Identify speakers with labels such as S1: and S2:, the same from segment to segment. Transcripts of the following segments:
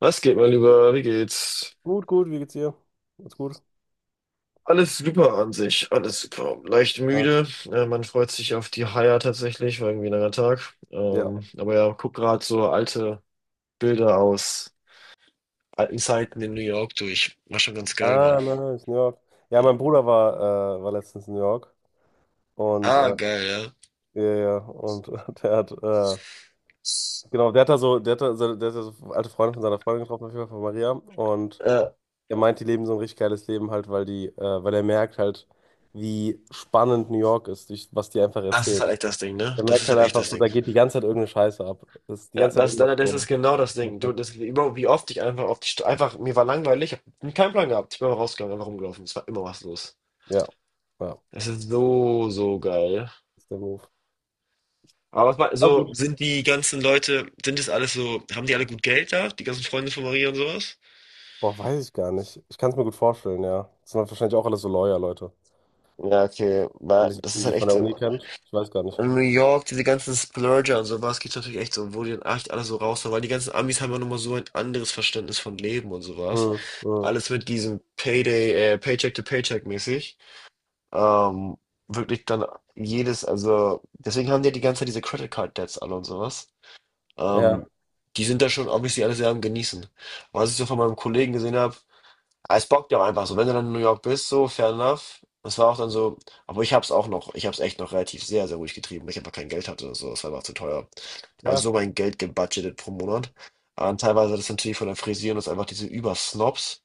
S1: Was geht, mein Lieber? Wie geht's?
S2: Gut, gut, wie geht's dir? Alles gut?
S1: Alles super an sich, alles super. Leicht
S2: Was?
S1: müde. Man freut sich auf die Haier tatsächlich, war irgendwie ein langer Tag.
S2: Ja.
S1: Aber ja, guck gerade so alte Bilder aus alten Zeiten in New York durch. War schon ganz geil, Mann.
S2: Ah, nice, New York. Ja,
S1: Ja.
S2: mein Bruder war, war letztens in New York und
S1: Ah,
S2: äh,
S1: geil,
S2: ja, ja, und der hat, genau, der hat da so alte Freunde von seiner Freundin getroffen, auf jeden Fall von Maria. Und
S1: ja.
S2: er meint, die leben so ein richtig geiles Leben halt, weil er merkt halt, wie spannend New York ist, durch, was die einfach
S1: Das ist
S2: erzählen.
S1: halt echt das Ding, ne?
S2: Der
S1: Das
S2: merkt
S1: ist
S2: halt
S1: halt echt
S2: einfach
S1: das
S2: so, da
S1: Ding.
S2: geht die ganze Zeit irgendeine Scheiße ab. Das ist die
S1: Ja,
S2: ganze Zeit
S1: das,
S2: irgendwas
S1: das das
S2: so.
S1: ist genau das Ding. Du, das, wie oft ich einfach auf die einfach, mir war langweilig, ich hab keinen Plan gehabt. Ich bin mal rausgegangen, einfach rumgelaufen. Es war immer was los.
S2: Ja, ja, das
S1: Es ist so, so geil.
S2: ist der Move.
S1: Aber was mal,
S2: Aber
S1: so
S2: gut.
S1: sind die ganzen Leute, sind es alles so, haben die alle gut Geld da? Die ganzen Freunde von Maria und sowas?
S2: Boah, weiß ich gar nicht. Ich kann es mir gut vorstellen, ja. Das sind wahrscheinlich auch alles so Lawyer-Leute.
S1: Ja, okay, weil
S2: Nicht
S1: das ist
S2: die, die
S1: halt
S2: von
S1: echt
S2: der Uni kennt. Ich weiß gar nicht.
S1: in New York. Diese ganzen Splurger und sowas gibt's natürlich echt so, wo die dann echt alle so raushauen, weil die ganzen Amis haben ja nochmal so ein anderes Verständnis von Leben und sowas.
S2: Hm, hm.
S1: Alles mit diesem Payday, Paycheck to Paycheck mäßig. Ähm, Wirklich dann jedes, also deswegen haben die ja die ganze Zeit diese Credit Card Debts alle und sowas.
S2: Ja,
S1: Ähm, Die sind da schon obviously alle sehr am Genießen. Aber was ich so von meinem Kollegen gesehen habe, es bockt ja auch einfach so. Wenn du dann in New York bist, so, fair enough. Das war auch dann so, aber ich hab's auch noch, ich hab's echt noch relativ sehr, sehr ruhig getrieben, weil ich einfach kein Geld hatte oder so, das war einfach zu teuer. Also
S2: ja,
S1: so mein Geld gebudgetet pro Monat. Ah, und teilweise das natürlich von der Frisieren ist einfach diese Übersnobs,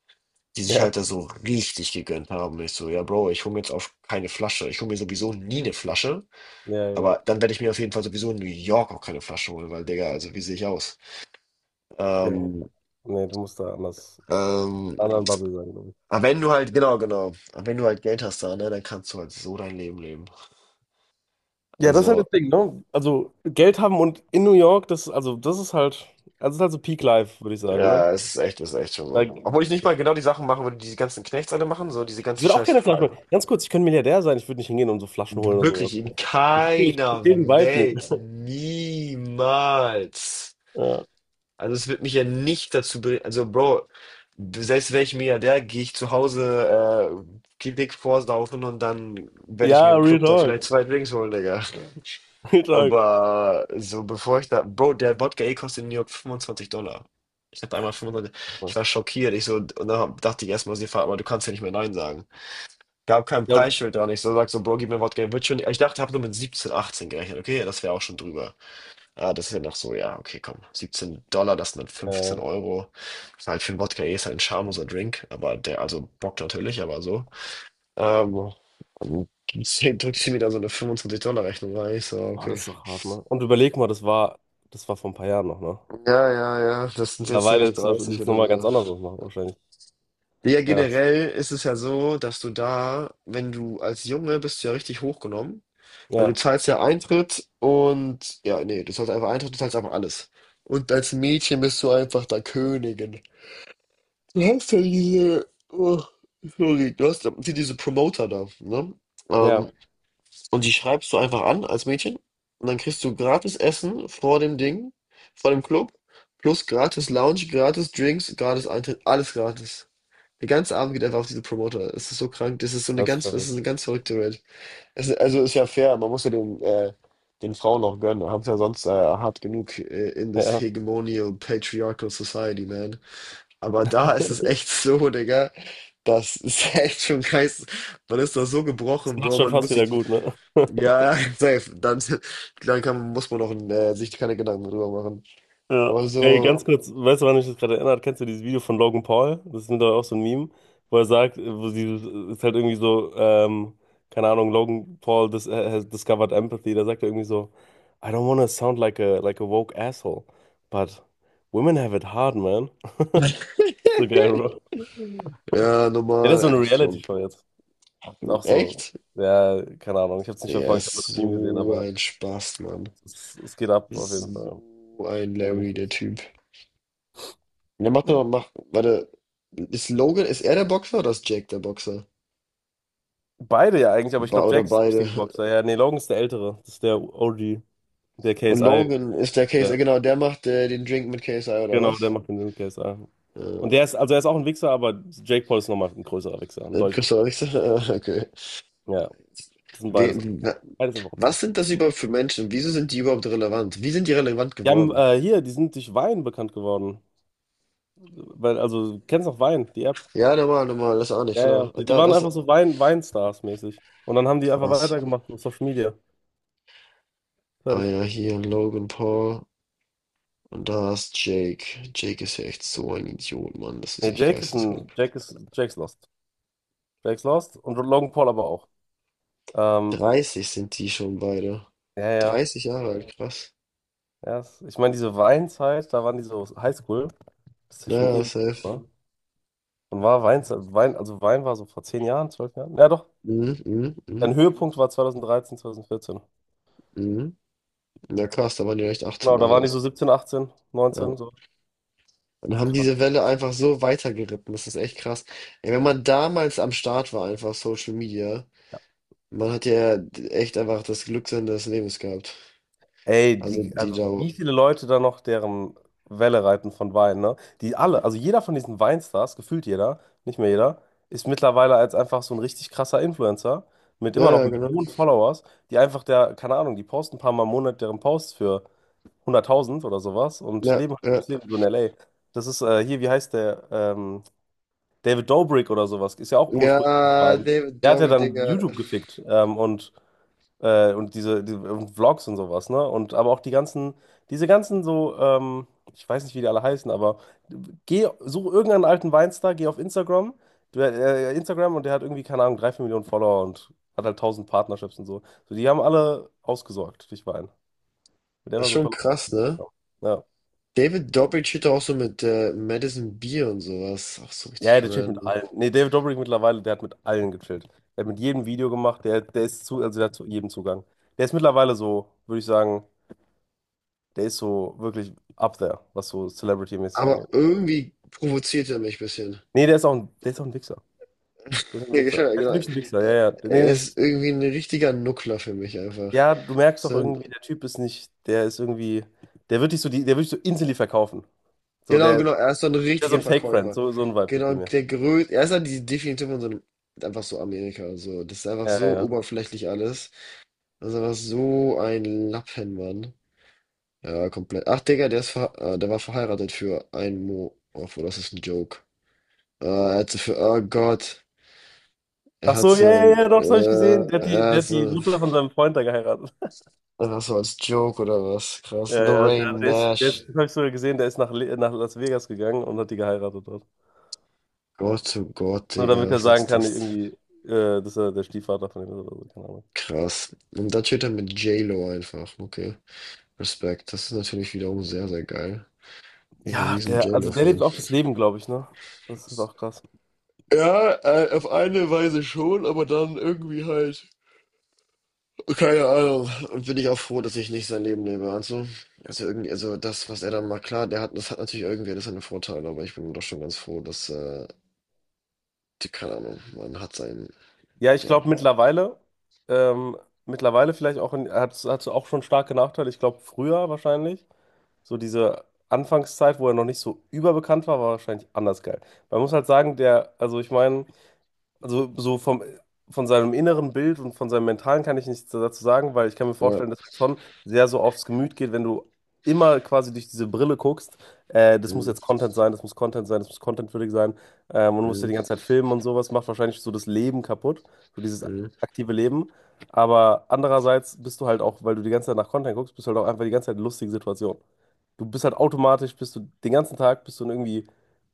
S1: die sich halt da
S2: ja,
S1: so richtig gegönnt haben. Und ich so, ja Bro, ich hole mir jetzt auf keine Flasche. Ich hole mir sowieso nie eine Flasche.
S2: ja, ja,
S1: Aber dann werde ich mir auf jeden Fall sowieso in New York auch keine Flasche holen, weil Digga, also wie sehe ich aus?
S2: ja.
S1: Ähm,
S2: Nee, du musst da anders,
S1: ähm,
S2: anderen Bubble sein, glaube ich.
S1: aber wenn du halt, genau, genau, aber wenn du halt Geld hast da, ne, dann kannst du halt so dein Leben leben.
S2: Ja, das ist halt
S1: Also,
S2: das Ding, ne? Also Geld haben und in New York, das ist halt so Peak Life, würde ich sagen, ne?
S1: ja, es ist echt schon
S2: Da,
S1: so. Obwohl ich nicht mal genau die Sachen machen würde, die diese ganzen Knechts alle machen, so diese
S2: Ich
S1: ganze
S2: würde auch
S1: Scheiß.
S2: keine Flaschen holen. Ganz kurz, ich könnte Milliardär sein, ich würde nicht hingehen und so Flaschen holen oder sowas.
S1: Wirklich, in
S2: Ich
S1: keiner
S2: verstehe den Vibe nicht.
S1: Welt, niemals.
S2: Ja,
S1: Also es wird mich ja nicht dazu bringen, also Bro, selbst wäre ich Milliardär, gehe ich zu Hause Klinik vorsaufen und dann werde ich mir
S2: ja,
S1: im
S2: Real
S1: Club da vielleicht
S2: Talk.
S1: zwei Drinks holen, Digga.
S2: Real Talk.
S1: Aber so bevor ich da, Bro, der Wodka E kostet in New York $25. Ich hatte einmal 25, ich war schockiert. Ich so, und dann dachte ich erstmal, sie fahren, aber du kannst ja nicht mehr Nein sagen. Gab kein
S2: Ja.
S1: Preisschild dran. Ich so, sag so, Bro, gib mir Wodka E, wird schon. Ich dachte, hab nur mit 17, 18 gerechnet. Okay, das wäre auch schon drüber. Ah, das ist ja noch so, ja, okay, komm. $17, das sind dann 15
S2: Äh,
S1: Euro. Ist halt für 'n Wodka eh, ist halt 'n schamloser Drink, aber der, also Bock natürlich, aber so. Ähm, und zehn drückt sie mir da so eine $25 $-Rechnung rein. Ich so:
S2: Oh,
S1: „Okay.“
S2: das ist doch hart, ne? Und überleg mal, das war vor ein paar Jahren noch, ne?
S1: Ja, ja, ja, das sind jetzt
S2: Mittlerweile
S1: echt
S2: sieht
S1: 30
S2: es
S1: oder
S2: nochmal ganz
S1: so.
S2: anders aus, machen wahrscheinlich.
S1: Ja,
S2: Ja,
S1: generell ist es ja so, dass du da, wenn du als Junge bist du ja richtig hochgenommen, weil du
S2: ja,
S1: zahlst ja Eintritt und ja, nee, du zahlst einfach Eintritt, du zahlst einfach alles. Und als Mädchen bist du einfach da Königin. Du hast ja diese, oh, sorry, du hast ja hier diese Promoter da, ne?
S2: ja,
S1: Ähm, und die schreibst du einfach an als Mädchen und dann kriegst du gratis Essen vor dem Ding, vor dem Club, plus gratis Lounge, gratis Drinks, gratis Eintritt, alles gratis. Der ganze Abend geht einfach auf diese Promoter. Es ist so krank, das ist so eine
S2: das ist
S1: ganz, das ist eine
S2: verrückt.
S1: ganz verrückte Welt. Es ist, also ist ja fair, man muss ja den, den Frauen auch gönnen. Haben es ja sonst hart genug in
S2: Ja,
S1: this
S2: ja.
S1: hegemonial patriarchal society, man. Aber da ist es echt so, Digga. Das ist echt schon geist. Man ist da so
S2: Das
S1: gebrochen,
S2: macht
S1: Bro.
S2: schon
S1: Man
S2: fast
S1: muss
S2: wieder
S1: sich.
S2: gut, ne?
S1: Ja, ja, safe. Dann, dann kann, muss man auch sich keine Gedanken drüber machen.
S2: Ja.
S1: Aber
S2: Ey,
S1: so.
S2: ganz kurz, weißt du, wann mich das gerade erinnert? Kennst du dieses Video von Logan Paul? Das ist mittlerweile auch so ein Meme, wo er sagt, wo dieses, ist halt irgendwie so, keine Ahnung, Logan Paul dis has discovered empathy. Da sagt er irgendwie so, I don't wanna sound like a woke asshole, but women have it hard, man. So geil, Bro.
S1: Ja,
S2: Ja, das ist
S1: nochmal
S2: so eine
S1: Epsilon.
S2: Reality-Show jetzt. Ist auch so.
S1: Echt?
S2: Ja, keine Ahnung. Ich habe es nicht
S1: Der
S2: verfolgt, ich habe nur
S1: ist
S2: das Meme gesehen,
S1: so
S2: aber
S1: ein Spaß, Mann.
S2: es geht ab auf jeden
S1: So
S2: Fall.
S1: ein
S2: Ja, nämlich
S1: Larry, der
S2: das so.
S1: Typ. Der macht doch, macht, warte, ist Logan, ist er der Boxer oder ist Jack der Boxer?
S2: Beide ja eigentlich, aber ich
S1: Ba
S2: glaube,
S1: oder
S2: Jack ist der
S1: beide?
S2: richtige Boxer. Ja, nee, Logan ist der Ältere. Das ist der OG, der
S1: Und
S2: KSI.
S1: Logan ist der Case,
S2: Der,
S1: genau, der macht den Drink mit KSI oder
S2: genau, der
S1: was?
S2: macht den KSI.
S1: Äh,
S2: Und der ist, also er ist auch ein Wichser, aber Jake Paul ist nochmal ein größerer Wichser, ein deutlich
S1: Christoph Richter? Okay.
S2: größerer. Ja, das sind
S1: We,
S2: beides.
S1: wa-
S2: Beides einfach
S1: was
S2: Opfer.
S1: sind das überhaupt für Menschen? Wieso sind die überhaupt relevant? Wie sind die relevant
S2: Die haben,
S1: geworden?
S2: äh, hier, die sind durch Wein bekannt geworden. Weil, also, du kennst noch Wein, die App?
S1: Ja, normal, normal, das ist auch nicht
S2: Ja, ja.
S1: klar.
S2: Die
S1: Da,
S2: waren
S1: das
S2: einfach so Weinstars-mäßig. Und dann haben die einfach
S1: krass.
S2: weitergemacht auf Social Media.
S1: Ah
S2: Fertig.
S1: ja, hier Logan Paul und da ist Jake. Jake ist ja echt so ein Idiot, Mann. Das ist
S2: Nee,
S1: echt
S2: Jake ist ein.
S1: geisteskrank.
S2: Jake ist. Jake's Lost. Jake's Lost und Logan Paul aber auch. Ähm,
S1: 30 sind die schon beide.
S2: ja, ja.
S1: 30 Jahre alt, krass.
S2: Ja, ich meine, diese Weinzeit, da waren die so Highschool. Das ist ja schon
S1: Naja,
S2: ewig,
S1: safe.
S2: ne? Und war Weinzeit. Also, Wein war so vor 10 Jahren, 12 Jahren. Ja, doch.
S1: Mhm, mhm,
S2: Sein
S1: mhm,
S2: Höhepunkt war 2013, 2014.
S1: mhm. Ja, krass, da waren die echt 18
S2: Genau,
S1: oder
S2: da waren die so
S1: sowas.
S2: 17, 18,
S1: Ja.
S2: 19, so.
S1: Und haben diese
S2: Krass.
S1: Welle einfach so weitergeritten. Das ist echt krass. Ey, wenn man damals am Start war, einfach Social Media, man hat ja echt einfach das Glück seines Lebens gehabt.
S2: Ey,
S1: Also die
S2: also
S1: da.
S2: wie viele Leute da noch deren Welle reiten von Wein, ne? Die alle, also jeder von diesen Weinstars, gefühlt jeder, nicht mehr jeder, ist mittlerweile als einfach so ein richtig krasser Influencer mit
S1: Ja,
S2: immer noch
S1: ja, genau.
S2: Millionen Followers, die einfach der, keine Ahnung, die posten ein paar Mal im Monat deren Posts für 100.000 oder sowas und
S1: Ja,
S2: leben halt
S1: ja.
S2: das Leben so in LA. Das ist hier, wie heißt der? David Dobrik oder sowas, ist ja auch ursprünglich
S1: Ja,
S2: Wein.
S1: David
S2: Der hat ja
S1: Dobrik,
S2: dann
S1: Digga.
S2: YouTube gefickt und diese, die- und Vlogs und sowas, ne? Und aber auch die ganzen, diese ganzen so, ich weiß nicht, wie die alle heißen, aber geh, such irgendeinen alten Weinstar, geh auf Instagram, du, Instagram, und der hat irgendwie, keine Ahnung, drei, vier Millionen Follower und hat halt tausend Partnerships und so. So, die haben alle ausgesorgt, durch Wein. Mit der
S1: Das
S2: war
S1: ist
S2: so ein
S1: schon
S2: paar Leute
S1: krass, ne?
S2: gekommen. Ja.
S1: David Dobrik steht da auch so mit Madison Beer und sowas. Auch so
S2: Ja,
S1: richtig
S2: der chillt mit
S1: random.
S2: allen. Nee, David Dobrik mittlerweile, der hat mit allen gechillt. Der hat mit jedem Video gemacht, also der hat zu jedem Zugang. Der ist mittlerweile so, würde ich sagen. Der ist so wirklich up there, was so Celebrity-mäßig
S1: Aber
S2: angeht.
S1: irgendwie provoziert er mich ein bisschen.
S2: Nee, der ist auch ein Wichser. Der ist ein
S1: Ja,
S2: Wichser.
S1: genau,
S2: Der ist
S1: genau.
S2: wirklich ein Wichser,
S1: Äh,
S2: ja, ja. Nee,
S1: er
S2: nee, das,
S1: ist irgendwie ein richtiger Nuckler für mich einfach.
S2: ja, du merkst doch
S1: So ein,
S2: irgendwie, der Typ ist nicht, der ist irgendwie, der wird dich so instantly verkaufen. So,
S1: genau,
S2: der,
S1: genau, er ist so ein
S2: der ist so
S1: richtiger
S2: ein Fake-Friend,
S1: Verkäufer.
S2: so, so ein Vibe gibt er
S1: Genau,
S2: mir.
S1: der größte, er ist halt die Definition von so einem, einfach so Amerika, so. Das ist einfach
S2: Ja, ja,
S1: so
S2: ja.
S1: oberflächlich alles. Das ist einfach so ein Lappenmann. Ja, komplett. Ach, Digga, der ist ver der war verheiratet für einen Mo. Obwohl, das ist ein Joke. Er hat so für, oh Gott, er
S2: Ach
S1: hat
S2: so, ja,
S1: so
S2: ja,
S1: ein,
S2: ja, doch, das habe ich gesehen. Der hat die,
S1: er
S2: der
S1: ist
S2: hat die
S1: so,
S2: Mutter von seinem Freund da geheiratet.
S1: einfach so als Joke oder was?
S2: Ja,
S1: Krass.
S2: ja,
S1: Lorraine Nash.
S2: das habe ich sogar gesehen, der ist nach Las Vegas gegangen und hat die geheiratet dort.
S1: Gott, oh Gott,
S2: Nur
S1: Digga,
S2: damit er
S1: was
S2: sagen
S1: ist
S2: kann,
S1: das?
S2: irgendwie, dass er der Stiefvater von ihm ist oder so, keine Ahnung.
S1: Krass. Und dann steht er mit J-Lo einfach. Okay, Respekt. Das ist natürlich wiederum sehr, sehr geil. Bin ich, bin ein
S2: Ja,
S1: riesen
S2: also der lebt
S1: J-Lo-Fan.
S2: auch das Leben, glaube ich, ne? Das ist auch krass.
S1: Ja, auf eine Weise schon, aber dann irgendwie halt. Keine Ahnung. Und bin ich auch froh, dass ich nicht sein Leben lebe. Also irgendwie, also das, was er dann macht, klar, der hat, das hat natürlich irgendwie alles seine Vorteile, aber ich bin doch schon ganz froh, dass, die, keine Ahnung, man hat sein,
S2: Ja, ich
S1: ja.
S2: glaube ähm, mittlerweile vielleicht auch, hat auch schon starke Nachteile. Ich glaube früher wahrscheinlich, so diese Anfangszeit, wo er noch nicht so überbekannt war, war wahrscheinlich anders geil. Man muss halt sagen, also ich meine, also so von seinem inneren Bild und von seinem Mentalen kann ich nichts dazu sagen, weil ich kann mir
S1: Ja.
S2: vorstellen, dass er schon sehr so aufs Gemüt geht, wenn du immer quasi durch diese Brille guckst. Das muss
S1: Mm,
S2: jetzt Content sein, das muss Content sein, das muss contentwürdig sein. Und du musst ja
S1: mm,
S2: die ganze Zeit filmen und sowas, macht wahrscheinlich so das Leben kaputt, so dieses
S1: mm.
S2: aktive Leben. Aber andererseits bist du halt auch, weil du die ganze Zeit nach Content guckst, bist du halt auch einfach die ganze Zeit in lustigen Situationen. Du bist halt automatisch, bist du den ganzen Tag, bist du in irgendwie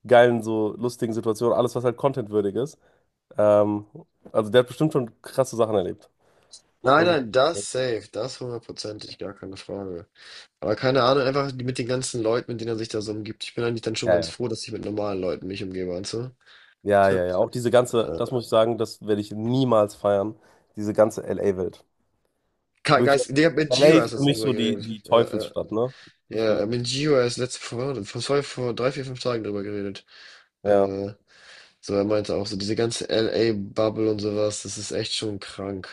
S2: geilen, so lustigen Situationen, alles, was halt contentwürdig ist. Ähm, also der hat bestimmt schon krasse Sachen erlebt.
S1: Nein,
S2: Das muss
S1: nein, das safe, das hundertprozentig, gar keine Frage. Aber keine Ahnung, einfach mit den ganzen Leuten, mit denen er sich da so umgibt. Ich bin eigentlich dann schon
S2: ja,
S1: ganz
S2: ja.
S1: froh, dass ich mit normalen Leuten mich umgebe, weißt du?
S2: Ja, ja, ja. Auch diese ganze, das
S1: Äh,
S2: muss ich sagen, das werde ich niemals feiern. Diese ganze LA-Welt. Wirklich,
S1: Geist, Digga, mit
S2: LA
S1: Gio hast
S2: ist
S1: du
S2: für
S1: jetzt
S2: mich
S1: drüber
S2: so die,
S1: geredet. Ja,
S2: Teufelsstadt, ne? Das,
S1: ja, ja, mit Gio erst letzte, vor, vor, sorry, vor drei, vier, fünf Tagen drüber geredet.
S2: ja,
S1: Äh, so, er meinte auch so, diese ganze LA-Bubble und sowas, das ist echt schon krank.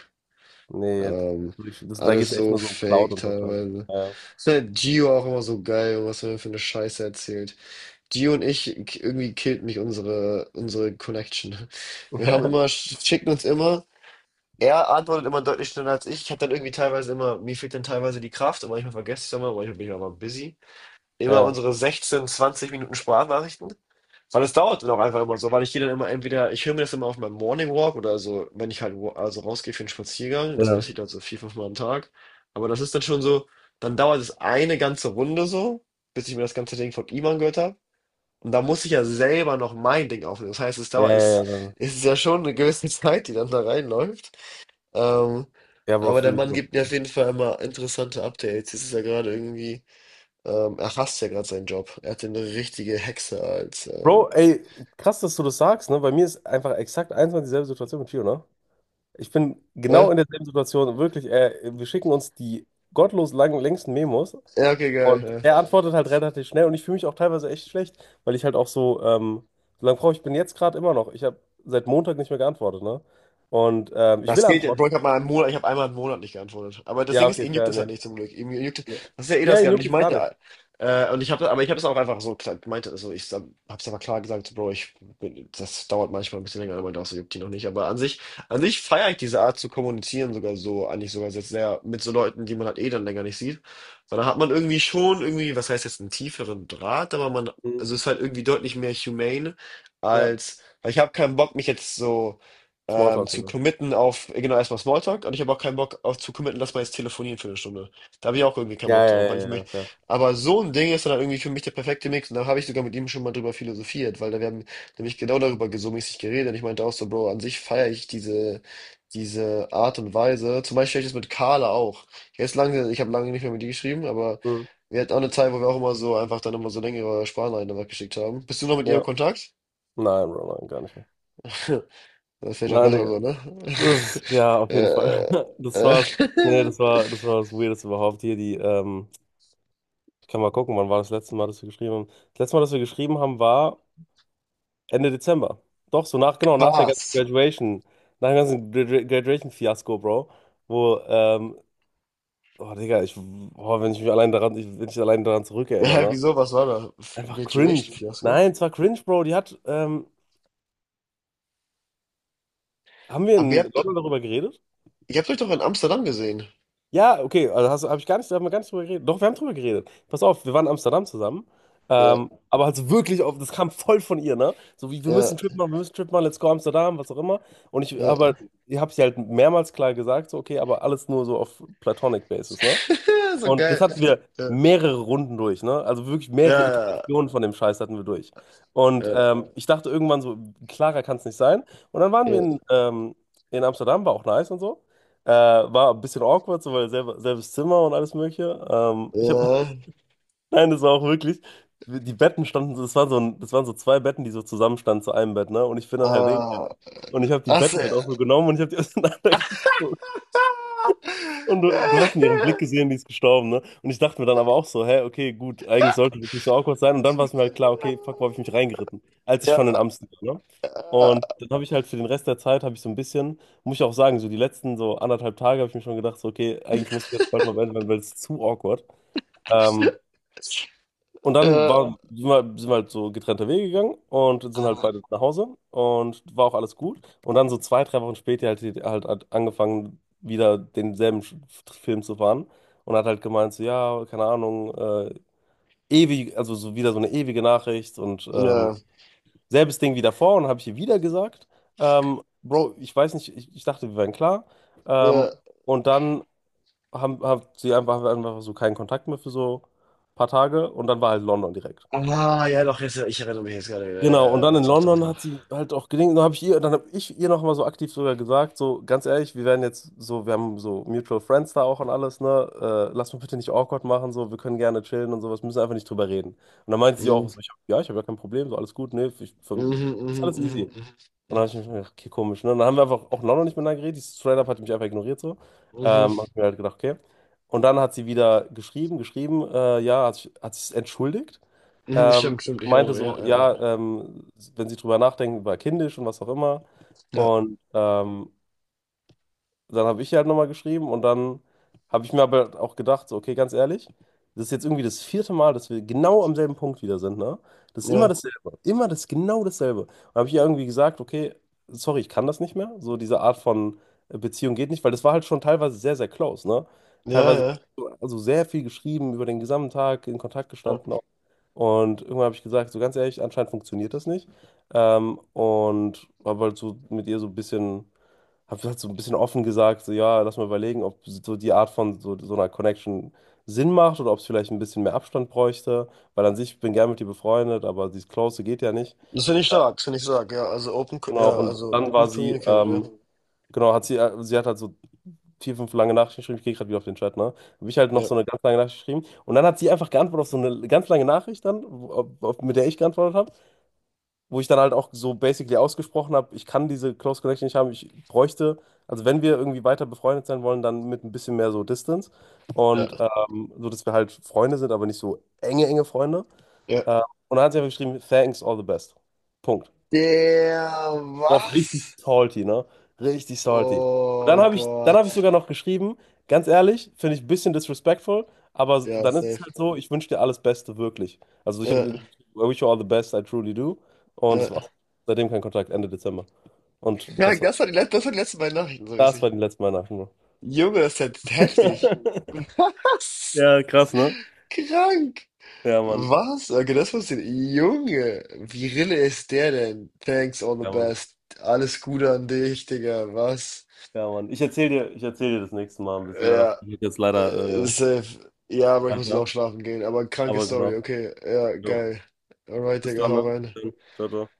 S2: nee,
S1: Ähm,
S2: da geht
S1: alles
S2: es echt
S1: so
S2: nur so um Cloud
S1: fake
S2: und so. Klar.
S1: teilweise.
S2: Ja.
S1: Ist halt Gio auch immer so geil, und was er mir für eine Scheiße erzählt. Die und ich, irgendwie killt mich unsere, unsere Connection. Wir haben immer, schicken uns immer, er antwortet immer deutlich schneller als ich. Ich habe dann irgendwie teilweise immer, mir fehlt dann teilweise die Kraft und manchmal vergesse ich es immer, manchmal bin ich auch mal busy. Immer
S2: Ja.
S1: unsere 16, 20 Minuten Sprachnachrichten. Weil es dauert dann auch einfach immer so, weil ich gehe dann immer entweder, ich höre mir das immer auf meinem Morning Walk oder so, wenn ich halt also rausgehe für einen Spaziergang. Das
S2: Ja.
S1: passiert halt so vier, fünf Mal am Tag. Aber das ist dann schon so, dann dauert es eine ganze Runde so, bis ich mir das ganze Ding von ihm angehört habe. Und da muss ich ja selber noch mein Ding aufnehmen. Das heißt, es
S2: Ja,
S1: dauert, es,
S2: ja, ja. Ja,
S1: es ist ja schon eine gewisse Zeit, die dann da reinläuft. Ähm,
S2: ja, Bro,
S1: aber der
S2: fühle ich
S1: Mann
S2: immer.
S1: gibt mir auf jeden Fall immer interessante Updates. Es ist ja gerade irgendwie, er hasst ja gerade seinen Job. Er hat eine richtige Hexe als,
S2: Bro, ey, krass, dass du das sagst, ne? Bei mir ist einfach exakt eins und dieselbe Situation mit Gio, ne? Ich bin genau
S1: ne?
S2: in derselben Situation. Wirklich, wir schicken uns die gottlos langen, längsten Memos
S1: Ja, okay, geil.
S2: und
S1: Ja.
S2: er antwortet halt relativ schnell und ich fühle mich auch teilweise echt schlecht, weil ich halt auch so lange brauche, ich bin jetzt gerade immer noch. Ich habe seit Montag nicht mehr geantwortet, ne? Und ich will
S1: Das geht,
S2: antworten.
S1: Bro, ich habe mal einen Monat, ich habe einmal einen Monat nicht geantwortet. Aber das
S2: Ja,
S1: Ding ist,
S2: okay,
S1: ihn juckt
S2: fair,
S1: es halt
S2: ne.
S1: nicht zum Glück. Ihm juckt,
S2: Ja,
S1: das ist ja eh
S2: ja,
S1: das
S2: ihn
S1: gar. Und
S2: juckt
S1: ich
S2: es gar nicht.
S1: meinte, und ich habe, aber ich habe es auch einfach so gesagt, meinte, also hab's aber klar gesagt, Bro, ich bin, das dauert manchmal ein bisschen länger, aber das juckt ihn noch nicht. Aber an sich feiere ich diese Art zu kommunizieren sogar so, eigentlich sogar jetzt sehr mit so Leuten, die man halt eh dann länger nicht sieht. Weil da hat man irgendwie schon irgendwie, was heißt jetzt, einen tieferen Draht, aber man,
S2: Mhm.
S1: also ist halt irgendwie deutlich mehr humane
S2: Ja,
S1: als, weil ich habe keinen Bock, mich jetzt so
S2: Smalltalk,
S1: zu
S2: ne?
S1: committen auf, genau, erstmal Smalltalk. Und ich habe auch keinen Bock auf zu committen, dass wir jetzt telefonieren für eine Stunde. Da habe ich auch irgendwie keinen
S2: Ja,
S1: Bock drauf,
S2: ja,
S1: weil ich
S2: ja, ja,
S1: möchte.
S2: fair.
S1: Aber so ein Ding ist dann halt irgendwie für mich der perfekte Mix. Und da habe ich sogar mit ihm schon mal drüber philosophiert, weil da wir haben nämlich genau darüber so mäßig geredet. Und ich meinte auch so, Bro, an sich feiere ich diese, diese Art und Weise. Zum Beispiel ich das mit Carla auch. Jetzt lange, ich habe lange nicht mehr mit ihr geschrieben, aber
S2: Mhm.
S1: wir hatten auch eine Zeit, wo wir auch immer so einfach dann immer so längere Sprachnachrichten geschickt haben. Bist du noch mit ihr im
S2: Ja,
S1: Kontakt?
S2: nein, Bro, nein, gar nicht mehr.
S1: Das ist vielleicht auch
S2: Nein,
S1: besser
S2: Digga.
S1: so, ne?
S2: Das, ja, auf jeden Fall.
S1: äh,
S2: Das
S1: äh,
S2: war's. Nee, das war, das war das Weirdeste überhaupt hier. Ich kann mal gucken, wann war das letzte Mal, dass wir geschrieben haben. Das letzte Mal, dass wir geschrieben haben, war Ende Dezember. Doch, so nach, genau, nach der ganzen
S1: Spaß.
S2: Graduation, nach dem ganzen Graduation-Fiasko, Bro. Wo, oh Digga, oh, wenn ich mich allein daran, ich, wenn ich allein daran zurückerinnere,
S1: Ja,
S2: ne?
S1: wieso? Was war da?
S2: Einfach cringe.
S1: Graduation-Fiasko?
S2: Nein, es war cringe, Bro. Haben wir
S1: Aber
S2: in London darüber geredet?
S1: ihr habt euch doch in Amsterdam gesehen.
S2: Ja, okay, also hab ich gar nicht, haben wir gar nicht drüber geredet. Doch, wir haben drüber geredet. Pass auf, wir waren in Amsterdam zusammen.
S1: Ja,
S2: Aber halt so wirklich auf, das kam voll von ihr, ne? So wie, wir müssen
S1: ja,
S2: einen Trip machen, wir müssen einen Trip machen, let's go Amsterdam, was auch immer. Aber
S1: ja.
S2: ich habe sie halt mehrmals klar gesagt, so, okay, aber alles nur so auf Platonic Basis, ne?
S1: So
S2: Und das
S1: geil.
S2: hatten wir
S1: Ja,
S2: mehrere Runden durch, ne? Also wirklich mehrere
S1: ja,
S2: Iterationen von dem Scheiß hatten wir durch. Und
S1: ja,
S2: ähm, ich dachte irgendwann so, klarer kann es nicht sein. Und dann waren wir in,
S1: ja,
S2: ähm, in Amsterdam, war auch nice und so. War ein bisschen awkward, so weil selbes Zimmer und alles Mögliche. Ich habe,
S1: ja.
S2: nein, das war auch wirklich, die Betten standen, so, das waren so zwei Betten, die so zusammenstanden zu einem Bett, ne? Und ich bin dann halt,
S1: Ah,
S2: und ich habe die
S1: ach, so.
S2: Betten halt auch so genommen und ich habe die auseinandergezogen. Und du hast in ihrem Blick gesehen, die ist gestorben, ne? Und ich dachte mir dann aber auch so, hä, okay, gut, eigentlich sollte das nicht so awkward sein. Und dann war es mir halt klar, okay, fuck, wo habe ich mich reingeritten? Als ich schon in
S1: Ja,
S2: Amsterdam war, ne?
S1: ja,
S2: Und dann habe ich halt für den Rest der Zeit, habe ich so ein bisschen, muss ich auch sagen, so die letzten so anderthalb Tage habe ich mir schon gedacht, so, okay, eigentlich muss ich jetzt bald mal beenden, weil es ist zu awkward. Ähm, und dann
S1: ja,
S2: war, sind wir halt so getrennte Wege gegangen und sind halt beide nach Hause und war auch alles gut. Und dann so zwei, drei Wochen später hat sie halt angefangen, wieder denselben Film zu fahren und hat halt gemeint, so, ja, keine Ahnung, ewig, also so wieder so eine ewige Nachricht und
S1: ja,
S2: selbes Ding wie davor und habe ich ihr wieder gesagt, Bro, ich weiß nicht, ich dachte, wir wären klar. Ähm,
S1: ja.
S2: und dann haben wir einfach so keinen Kontakt mehr für so ein paar Tage und dann war halt London direkt.
S1: Ah, ja, doch, jetzt, ich erinnere mich jetzt gerade. Ja,
S2: Genau,
S1: ja,
S2: und
S1: ja,
S2: dann
S1: doch,
S2: in
S1: doch, doch,
S2: London
S1: doch.
S2: hat sie halt auch gelingt. Dann habe ich ihr nochmal so aktiv sogar gesagt, so ganz ehrlich, wir haben so Mutual Friends da auch und alles, ne? Lass mich bitte nicht awkward machen, so, wir können gerne chillen und sowas, müssen einfach nicht drüber reden. Und dann meinte sie auch
S1: Mhm,
S2: so, ja, ich habe ja kein Problem, so alles gut, ne? Ich, für,
S1: mhm,
S2: ist
S1: mhm,
S2: alles
S1: mhm,
S2: easy. Und
S1: mhm,
S2: dann habe ich mich gedacht, okay, komisch, ne? Und dann haben wir einfach auch in London nicht miteinander geredet, die straight up hat mich einfach ignoriert, so.
S1: mhm,
S2: Hab mir halt gedacht, okay. Und dann hat sie wieder geschrieben, ja, hat sich entschuldigt.
S1: mhm, mhm,
S2: Ähm,
S1: stimmt, stimmt, ich
S2: Meinte so,
S1: erinnere mich.
S2: ja, wenn sie drüber nachdenken, war kindisch und was auch immer.
S1: Ja,
S2: Und dann habe ich ihr halt nochmal geschrieben und dann habe ich mir aber halt auch gedacht, so, okay, ganz ehrlich, das ist jetzt irgendwie das vierte Mal, dass wir genau am selben Punkt wieder sind, ne? Das ist immer
S1: ja,
S2: dasselbe, immer das, genau dasselbe. Und habe ich ihr irgendwie gesagt, okay, sorry, ich kann das nicht mehr. So diese Art von Beziehung geht nicht, weil das war halt schon teilweise sehr, sehr close, ne?
S1: ja, ja, ja,
S2: Teilweise,
S1: ja, ja,
S2: also sehr viel geschrieben, über den gesamten Tag in Kontakt
S1: ja.
S2: gestanden, und irgendwann habe ich gesagt, so ganz ehrlich, anscheinend funktioniert das nicht. Und habe halt so ein bisschen offen gesagt, so ja, lass mal überlegen, ob so die Art von so einer Connection Sinn macht oder ob es vielleicht ein bisschen mehr Abstand bräuchte, weil an sich, ich bin gern mit ihr befreundet, aber dieses Close geht ja nicht.
S1: Das finde ich
S2: Ja,
S1: stark, das finde ich stark, ja. Also open,
S2: genau,
S1: ja,
S2: und
S1: also
S2: dann war
S1: gut
S2: sie,
S1: communicated, ja.
S2: genau, sie hat halt so vier, fünf lange Nachrichten geschrieben. Ich gehe gerade wieder auf den Chat, ne? Habe ich halt noch
S1: Ja,
S2: so eine ganz lange Nachricht geschrieben. Und dann hat sie einfach geantwortet auf so eine ganz lange Nachricht dann, mit der ich geantwortet, wo ich dann halt auch so basically ausgesprochen habe, ich kann diese Close Connection nicht haben, ich bräuchte, also wenn wir irgendwie weiter befreundet sein wollen, dann mit ein bisschen mehr so Distance und
S1: ja,
S2: so, dass wir halt Freunde sind, aber nicht so enge Freunde.
S1: ja.
S2: Äh, und dann hat sie einfach geschrieben, thanks, all the best. Punkt.
S1: Der
S2: Drauf richtig
S1: was?
S2: salty, ne? Richtig salty. Und
S1: Oh
S2: dann dann habe ich
S1: Gott.
S2: sogar noch geschrieben, ganz ehrlich, finde ich ein bisschen disrespectful, aber
S1: Ja,
S2: dann ist es
S1: safe.
S2: halt so, ich wünsche dir alles Beste, wirklich. Also ich habe
S1: Ja,
S2: irgendwie, geschrieben, I wish you all the best, I truly do. Und
S1: ja.
S2: das war's. Seitdem kein Kontakt, Ende Dezember. Und
S1: Ja,
S2: besser.
S1: das war die, das waren die letzten beiden Nachrichten, so
S2: Das
S1: richtig.
S2: war die letzte Weihnachten, ne?
S1: Junge, das ist ja heftig. Was?
S2: Ja, krass, ne?
S1: Krank.
S2: Ja, Mann.
S1: Was? Okay, das wusste ich. Junge, wie Rille ist der denn? Thanks, all the
S2: Ja, Mann.
S1: best. Alles Gute an dich, Digga. Was?
S2: Ja, Mann. Ich erzähl dir das nächste Mal ein bisschen mehr davon.
S1: Ja,
S2: Ich muss jetzt leider äh,
S1: safe. Ja, aber ich muss jetzt auch
S2: weiter.
S1: schlafen gehen. Aber kranke
S2: Aber
S1: Story,
S2: genau.
S1: okay. Ja,
S2: Jo.
S1: geil. Alright,
S2: Bis
S1: Digga,
S2: dann,
S1: hau
S2: ne?
S1: rein.
S2: Dann. Ciao, ciao.